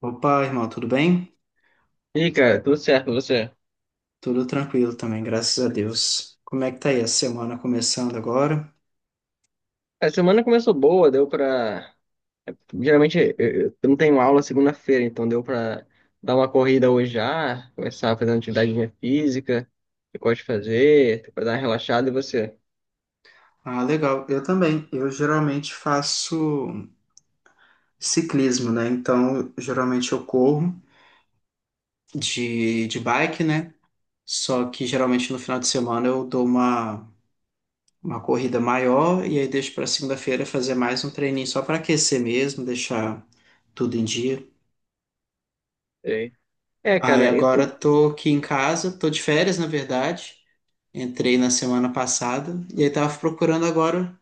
Opa, irmão, tudo bem? E aí, cara, tudo certo com você? Tudo tranquilo também, graças a Deus. Como é que tá aí a semana começando agora? A semana começou boa, deu pra. Geralmente eu não tenho aula segunda-feira, então deu pra dar uma corrida hoje já, começar a fazer uma atividade de física, que eu gosto de fazer, pra dar uma relaxada. E você? Ah, legal. Eu também. Eu geralmente faço ciclismo, né? Então, geralmente eu corro de bike, né? Só que geralmente no final de semana eu dou uma corrida maior e aí deixo para segunda-feira fazer mais um treininho só para aquecer mesmo, deixar tudo em dia. E É, Aí cara, eu- agora eu- tô aqui em casa, tô de férias, na verdade. Entrei na semana passada e aí tava procurando agora,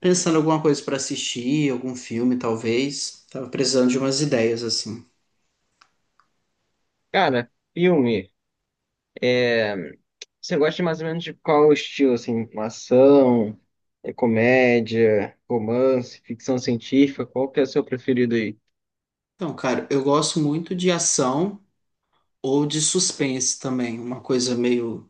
pensando alguma coisa pra assistir, algum filme talvez. Tava precisando de umas ideias assim. Cara, filme. é, Você gosta mais ou menos de qual estilo, assim? Uma ação, é comédia, romance, ficção científica? Qual que é o seu preferido aí? Então, cara, eu gosto muito de ação ou de suspense também, uma coisa meio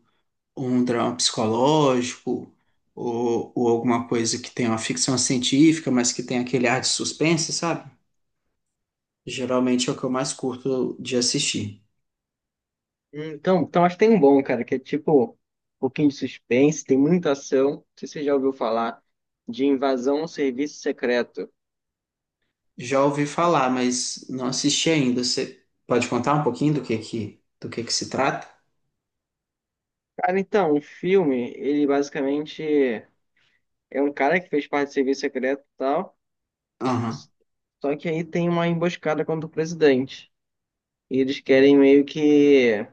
um drama psicológico ou alguma coisa que tem uma ficção científica, mas que tem aquele ar de suspense, sabe? Geralmente é o que eu mais curto de assistir. Então acho que tem um bom, cara, que é tipo um pouquinho de suspense, tem muita ação. Não sei se você já ouviu falar de Invasão a um Serviço Secreto. Já ouvi falar, mas não assisti ainda. Você pode contar um pouquinho do que que se trata? Cara, então, o filme, ele basicamente é um cara que fez parte do serviço secreto e tal, Aham, só que aí tem uma emboscada contra o presidente. E eles querem meio que.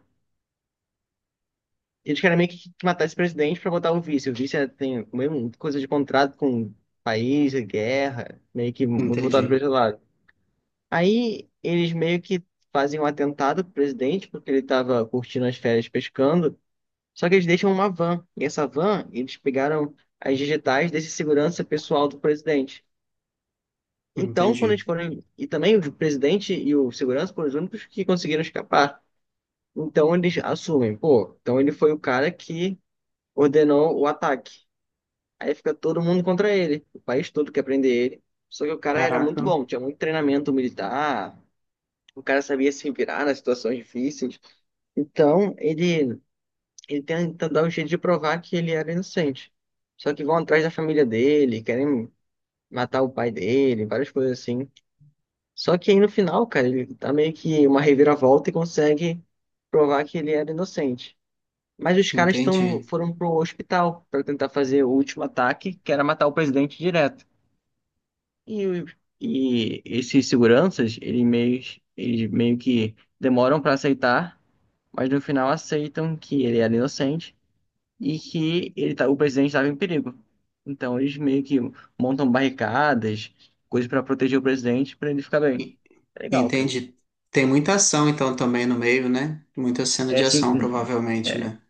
Eles querem meio que matar esse presidente pra botar o vice. O vice é- tem mesmo coisa de contrato com o país, é guerra, meio que muito voltado para entendi, esse lado. Aí eles meio que fazem um atentado pro presidente, porque ele tava curtindo as férias pescando. Só que eles deixam uma van. E essa van, eles pegaram as digitais desse segurança pessoal do presidente. Então, quando entendi. eles foram. E também o presidente e o segurança foram os únicos que conseguiram escapar. Então eles assumem, pô, então ele foi o cara que ordenou o ataque. Aí fica todo mundo contra ele. O país todo quer prender ele. Só que o cara era muito Caraca, bom, tinha muito treinamento militar. O cara sabia se virar nas situações difíceis. Então, ele tenta dar um jeito de provar que ele era inocente. Só que vão atrás da família dele, querem matar o pai dele, várias coisas assim. Só que aí no final, cara, ele tá meio que uma reviravolta e consegue provar que ele era inocente. Mas os caras tão, entendi. foram pro hospital para tentar fazer o último ataque, que era matar o presidente direto. E, o- e esses seguranças, eles meio que demoram para aceitar, mas no final aceitam que ele era inocente e que ele tá, o presidente estava em perigo. Então eles meio que montam barricadas, coisas para proteger o presidente, para ele ficar bem. E- É legal, cara. Entendi. Tem muita ação então também no meio, né? Muita cena É de assim, ação, provavelmente, né?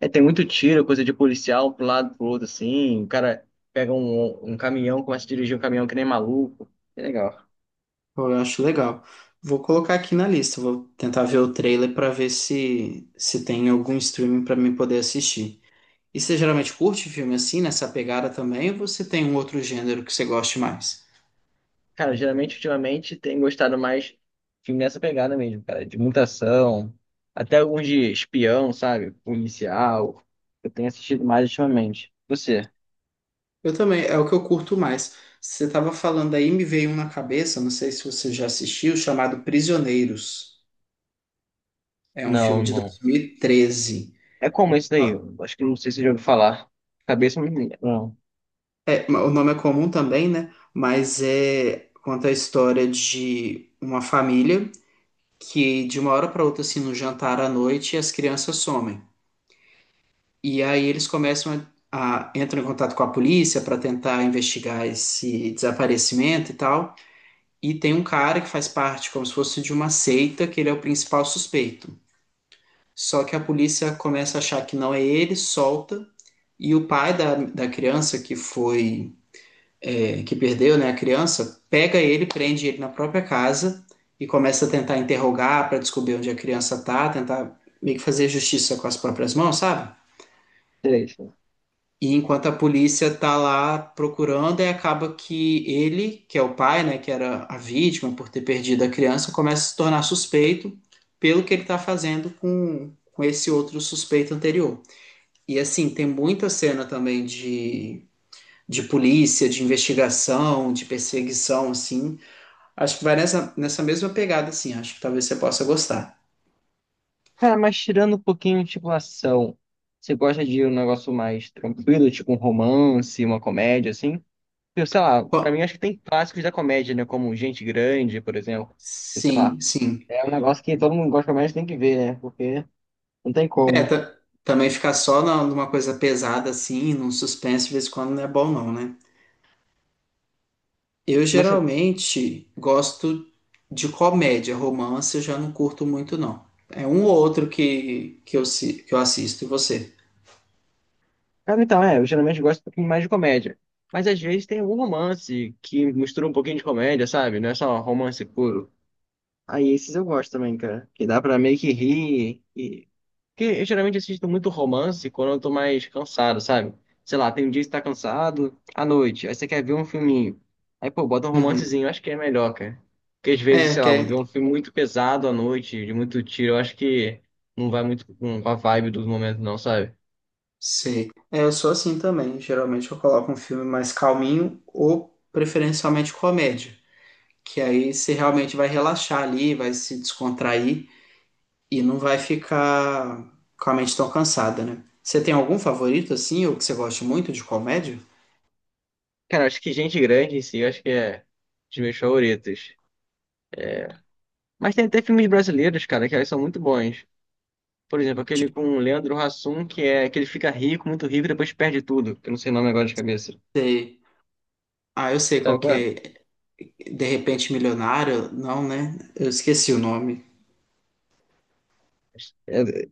é, tem muito tiro, coisa de policial pro lado, pro outro, assim. O cara pega um caminhão, começa a dirigir um caminhão que nem maluco. É legal. Pô, eu acho legal. Vou colocar aqui na lista, vou tentar ver o trailer pra ver se tem algum streaming pra mim poder assistir. E você geralmente curte filme assim, nessa pegada também, ou você tem um outro gênero que você goste mais? Cara, geralmente, ultimamente, tem gostado mais filme nessa pegada mesmo, cara, de muita ação, até alguns de espião, sabe? Policial. Eu tenho assistido mais ultimamente. Você? Eu também, é o que eu curto mais. Você estava falando aí, me veio um na cabeça, não sei se você já assistiu, chamado Prisioneiros. É um filme Não, de não. 2013. É como esse daí? Ah, Eu acho que não sei se você já ouviu falar. Cabeça não me lembra. Não, é, o nome é comum também, né? Mas é conta a história de uma família que de uma hora para outra, assim, no jantar à noite, as crianças somem. E aí eles começam a entram em contato com a polícia para tentar investigar esse desaparecimento e tal. E tem um cara que faz parte como se fosse de uma seita, que ele é o principal suspeito. Só que a polícia começa a achar que não é ele, solta, e o pai da criança que foi, que perdeu, né, a criança, pega ele, prende ele na própria casa e começa a tentar interrogar para descobrir onde a criança tá, tentar meio que fazer justiça com as próprias mãos, sabe? três. E enquanto a polícia tá lá procurando, aí acaba que ele, que é o pai, né, que era a vítima por ter perdido a criança, começa a se tornar suspeito pelo que ele tá fazendo com esse outro suspeito anterior. E assim, tem muita cena também de polícia, de investigação, de perseguição, assim. Acho que vai nessa mesma pegada, assim. Acho que talvez você possa gostar. Cara, mas tirando um pouquinho, tipo, ação, você gosta de um negócio mais tranquilo, tipo um romance, uma comédia, assim? Eu sei lá, pra mim Qual- acho que tem clássicos da comédia, né? Como Gente Grande, por exemplo. Sei lá, Sim, sim. é um negócio que todo mundo gosta, mas tem que ver, né? Porque não tem É, como. ta- também ficar só na- numa coisa pesada assim, num suspense de vez em quando não é bom não, né? Eu Mas, você- geralmente gosto de comédia, romance eu já não curto muito não. É um ou outro que eu assisto, e você? Cara, então, eu geralmente gosto um pouquinho mais de comédia. Mas às vezes tem algum romance que mistura um pouquinho de comédia, sabe? Não é só romance puro. Aí esses eu gosto também, cara. Que dá pra meio que rir. E... Porque eu geralmente assisto muito romance quando eu tô mais cansado, sabe? Sei lá, tem um dia que você tá cansado, à noite, aí você quer ver um filminho. Aí, pô, bota um Uhum. romancezinho, eu acho que é melhor, cara. Porque às vezes, É, sei que lá, vou ver é, um filme muito pesado à noite, de muito tiro, eu acho que não vai muito com a vibe do momento, não, sabe? sei. É, eu sou assim também, geralmente eu coloco um filme mais calminho ou preferencialmente comédia, que aí você realmente vai relaxar ali, vai se descontrair. E não vai ficar com a mente tão cansada, né? Você tem algum favorito, assim, ou que você goste muito de comédia? Cara, eu acho que Gente Grande em si, eu acho que é dos meus favoritos. Mas tem até filmes brasileiros, cara, que eles são muito bons. Por exemplo, aquele Tipo, com o Leandro Hassum, que é que ele fica rico, muito rico, e depois perde tudo. Que Eu não sei o nome agora de cabeça. você... Ah, eu sei qual Sabe que qual é? é. De Repente Milionário? Não, né? Eu esqueci o nome. É, é,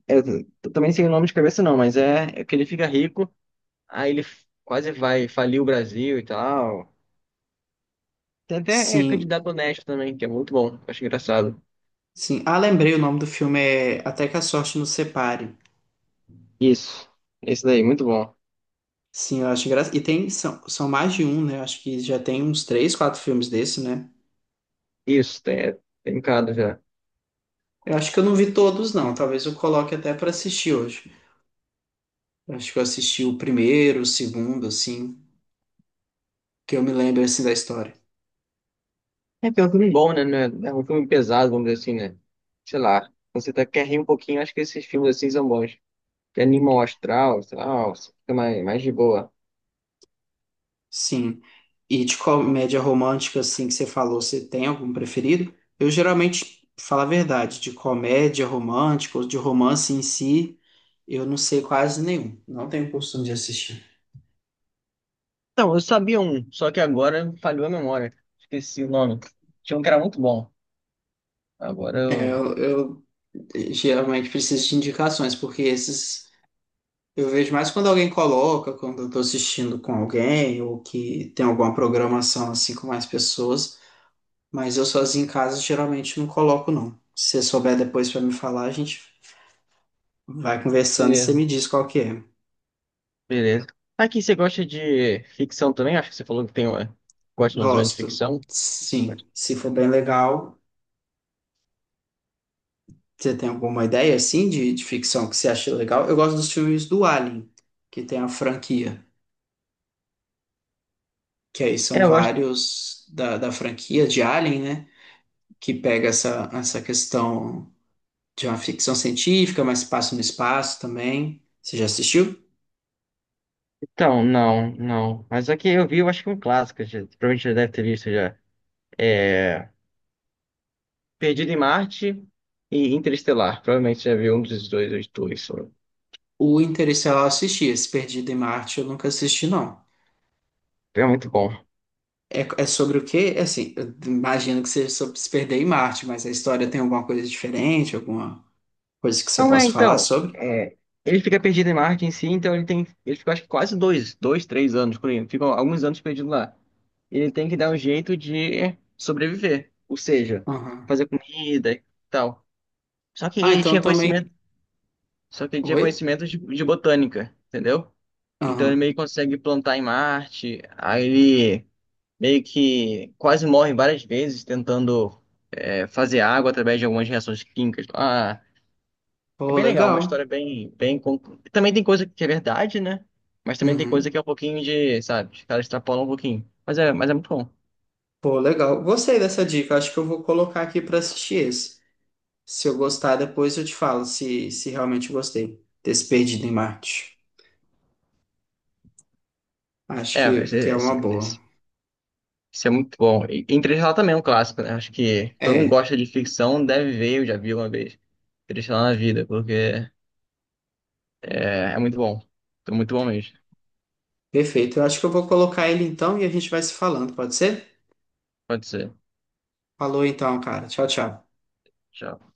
eu também sei o nome de cabeça não, mas é que ele fica rico, aí ele f- quase vai falir o Brasil e tal. Tem até Sim, candidato honesto também, que é muito bom. Eu Acho engraçado. sim. Ah, lembrei, o nome do filme é Até que a Sorte Nos Separe. Isso. Esse daí, muito bom. Sim, eu acho engraçado. E tem, são, são mais de um, né? Eu acho que já tem uns três, quatro filmes desse, né? Isso, tem um cara já. Eu acho que eu não vi todos, não. Talvez eu coloque até pra assistir hoje. Eu acho que eu assisti o primeiro, o segundo, assim, que eu me lembro, assim, da história. É, porque é um filme bom, né? não É é um filme pesado, vamos dizer assim, né? Sei lá. Quando você tá, quer rir um pouquinho, acho que esses filmes assim são bons. Que é animal astral, sei lá, ó, você fica mais de boa. Sim. E de comédia romântica, assim, que você falou, você tem algum preferido? Eu geralmente, falo a verdade, de comédia romântica ou de romance em si, eu não sei quase nenhum. Não tenho costume de assistir. Então, eu sabia um, só que agora falhou a memória. Esqueci o nome. Tinha um que era muito bom. Agora É, eu. eu geralmente preciso de indicações, porque esses eu vejo mais quando alguém coloca, quando eu tô assistindo com alguém, ou que tem alguma programação assim com mais pessoas, mas eu sozinho em casa geralmente não coloco, não. Se você souber depois pra me falar, a gente vai conversando e você Beleza, me diz qual que é. beleza. Aqui, você gosta de ficção também? Acho que você falou que tem uma. Gosta mais ou menos de Gosto. ficção. Sim. Se for bem legal, você tem alguma ideia assim de ficção que você acha legal? Eu gosto dos filmes do Alien, que tem a franquia, que aí são É, eu gosto. vários da franquia de Alien, né? Que pega essa questão de uma ficção científica, mas passa no espaço também. Você já assistiu? Então, não, não. Mas aqui eu vi, eu acho que um clássico, já, provavelmente já deve ter visto já. É. Perdido em Marte e Interestelar. Provavelmente já viu um dos dois, os dois. O Interestelar eu assisti, esse Perdido em Marte eu nunca assisti, não. É muito bom. É, é sobre o quê? É assim, eu imagino que seja sobre se perder em Marte, mas a história tem alguma coisa diferente, alguma coisa que você Não é, possa falar então. sobre? Ele fica perdido em Marte em si, então ele tem. Ele fica acho que quase 3 anos, por aí. Ficam alguns anos perdido lá. Ele tem que dar um jeito de sobreviver. Ou seja, Aham. fazer comida e tal. Só que Ah, ele então tinha também. conhecimento. Só que ele tinha Oi? conhecimento de botânica, entendeu? Então ele Aham. meio que consegue plantar em Marte. Aí ele meio que quase morre várias vezes tentando fazer água através de algumas reações químicas. Ah. É Pô, bem legal, uma legal. história bem, bem. Con- Também tem coisa que é verdade, né? Mas também tem Uhum. coisa que é um pouquinho de, sabe, os caras extrapolam um pouquinho. Mas é muito bom. Pô, legal. Gostei dessa dica. Acho que eu vou colocar aqui para assistir esse. Se eu gostar, depois eu te falo se, se realmente gostei desse Perdido em Marte. Acho É, esse, que é uma esse, boa. esse, esse é muito bom. E Interestelar também é um clássico, né? Acho que todo mundo É, gosta de ficção, deve ver, eu já vi uma vez. Interestelar na vida, é muito bom. Então, muito bom mesmo. perfeito. Eu acho que eu vou colocar ele então e a gente vai se falando, pode ser? Pode ser. Falou então, cara. Tchau, tchau. Tchau.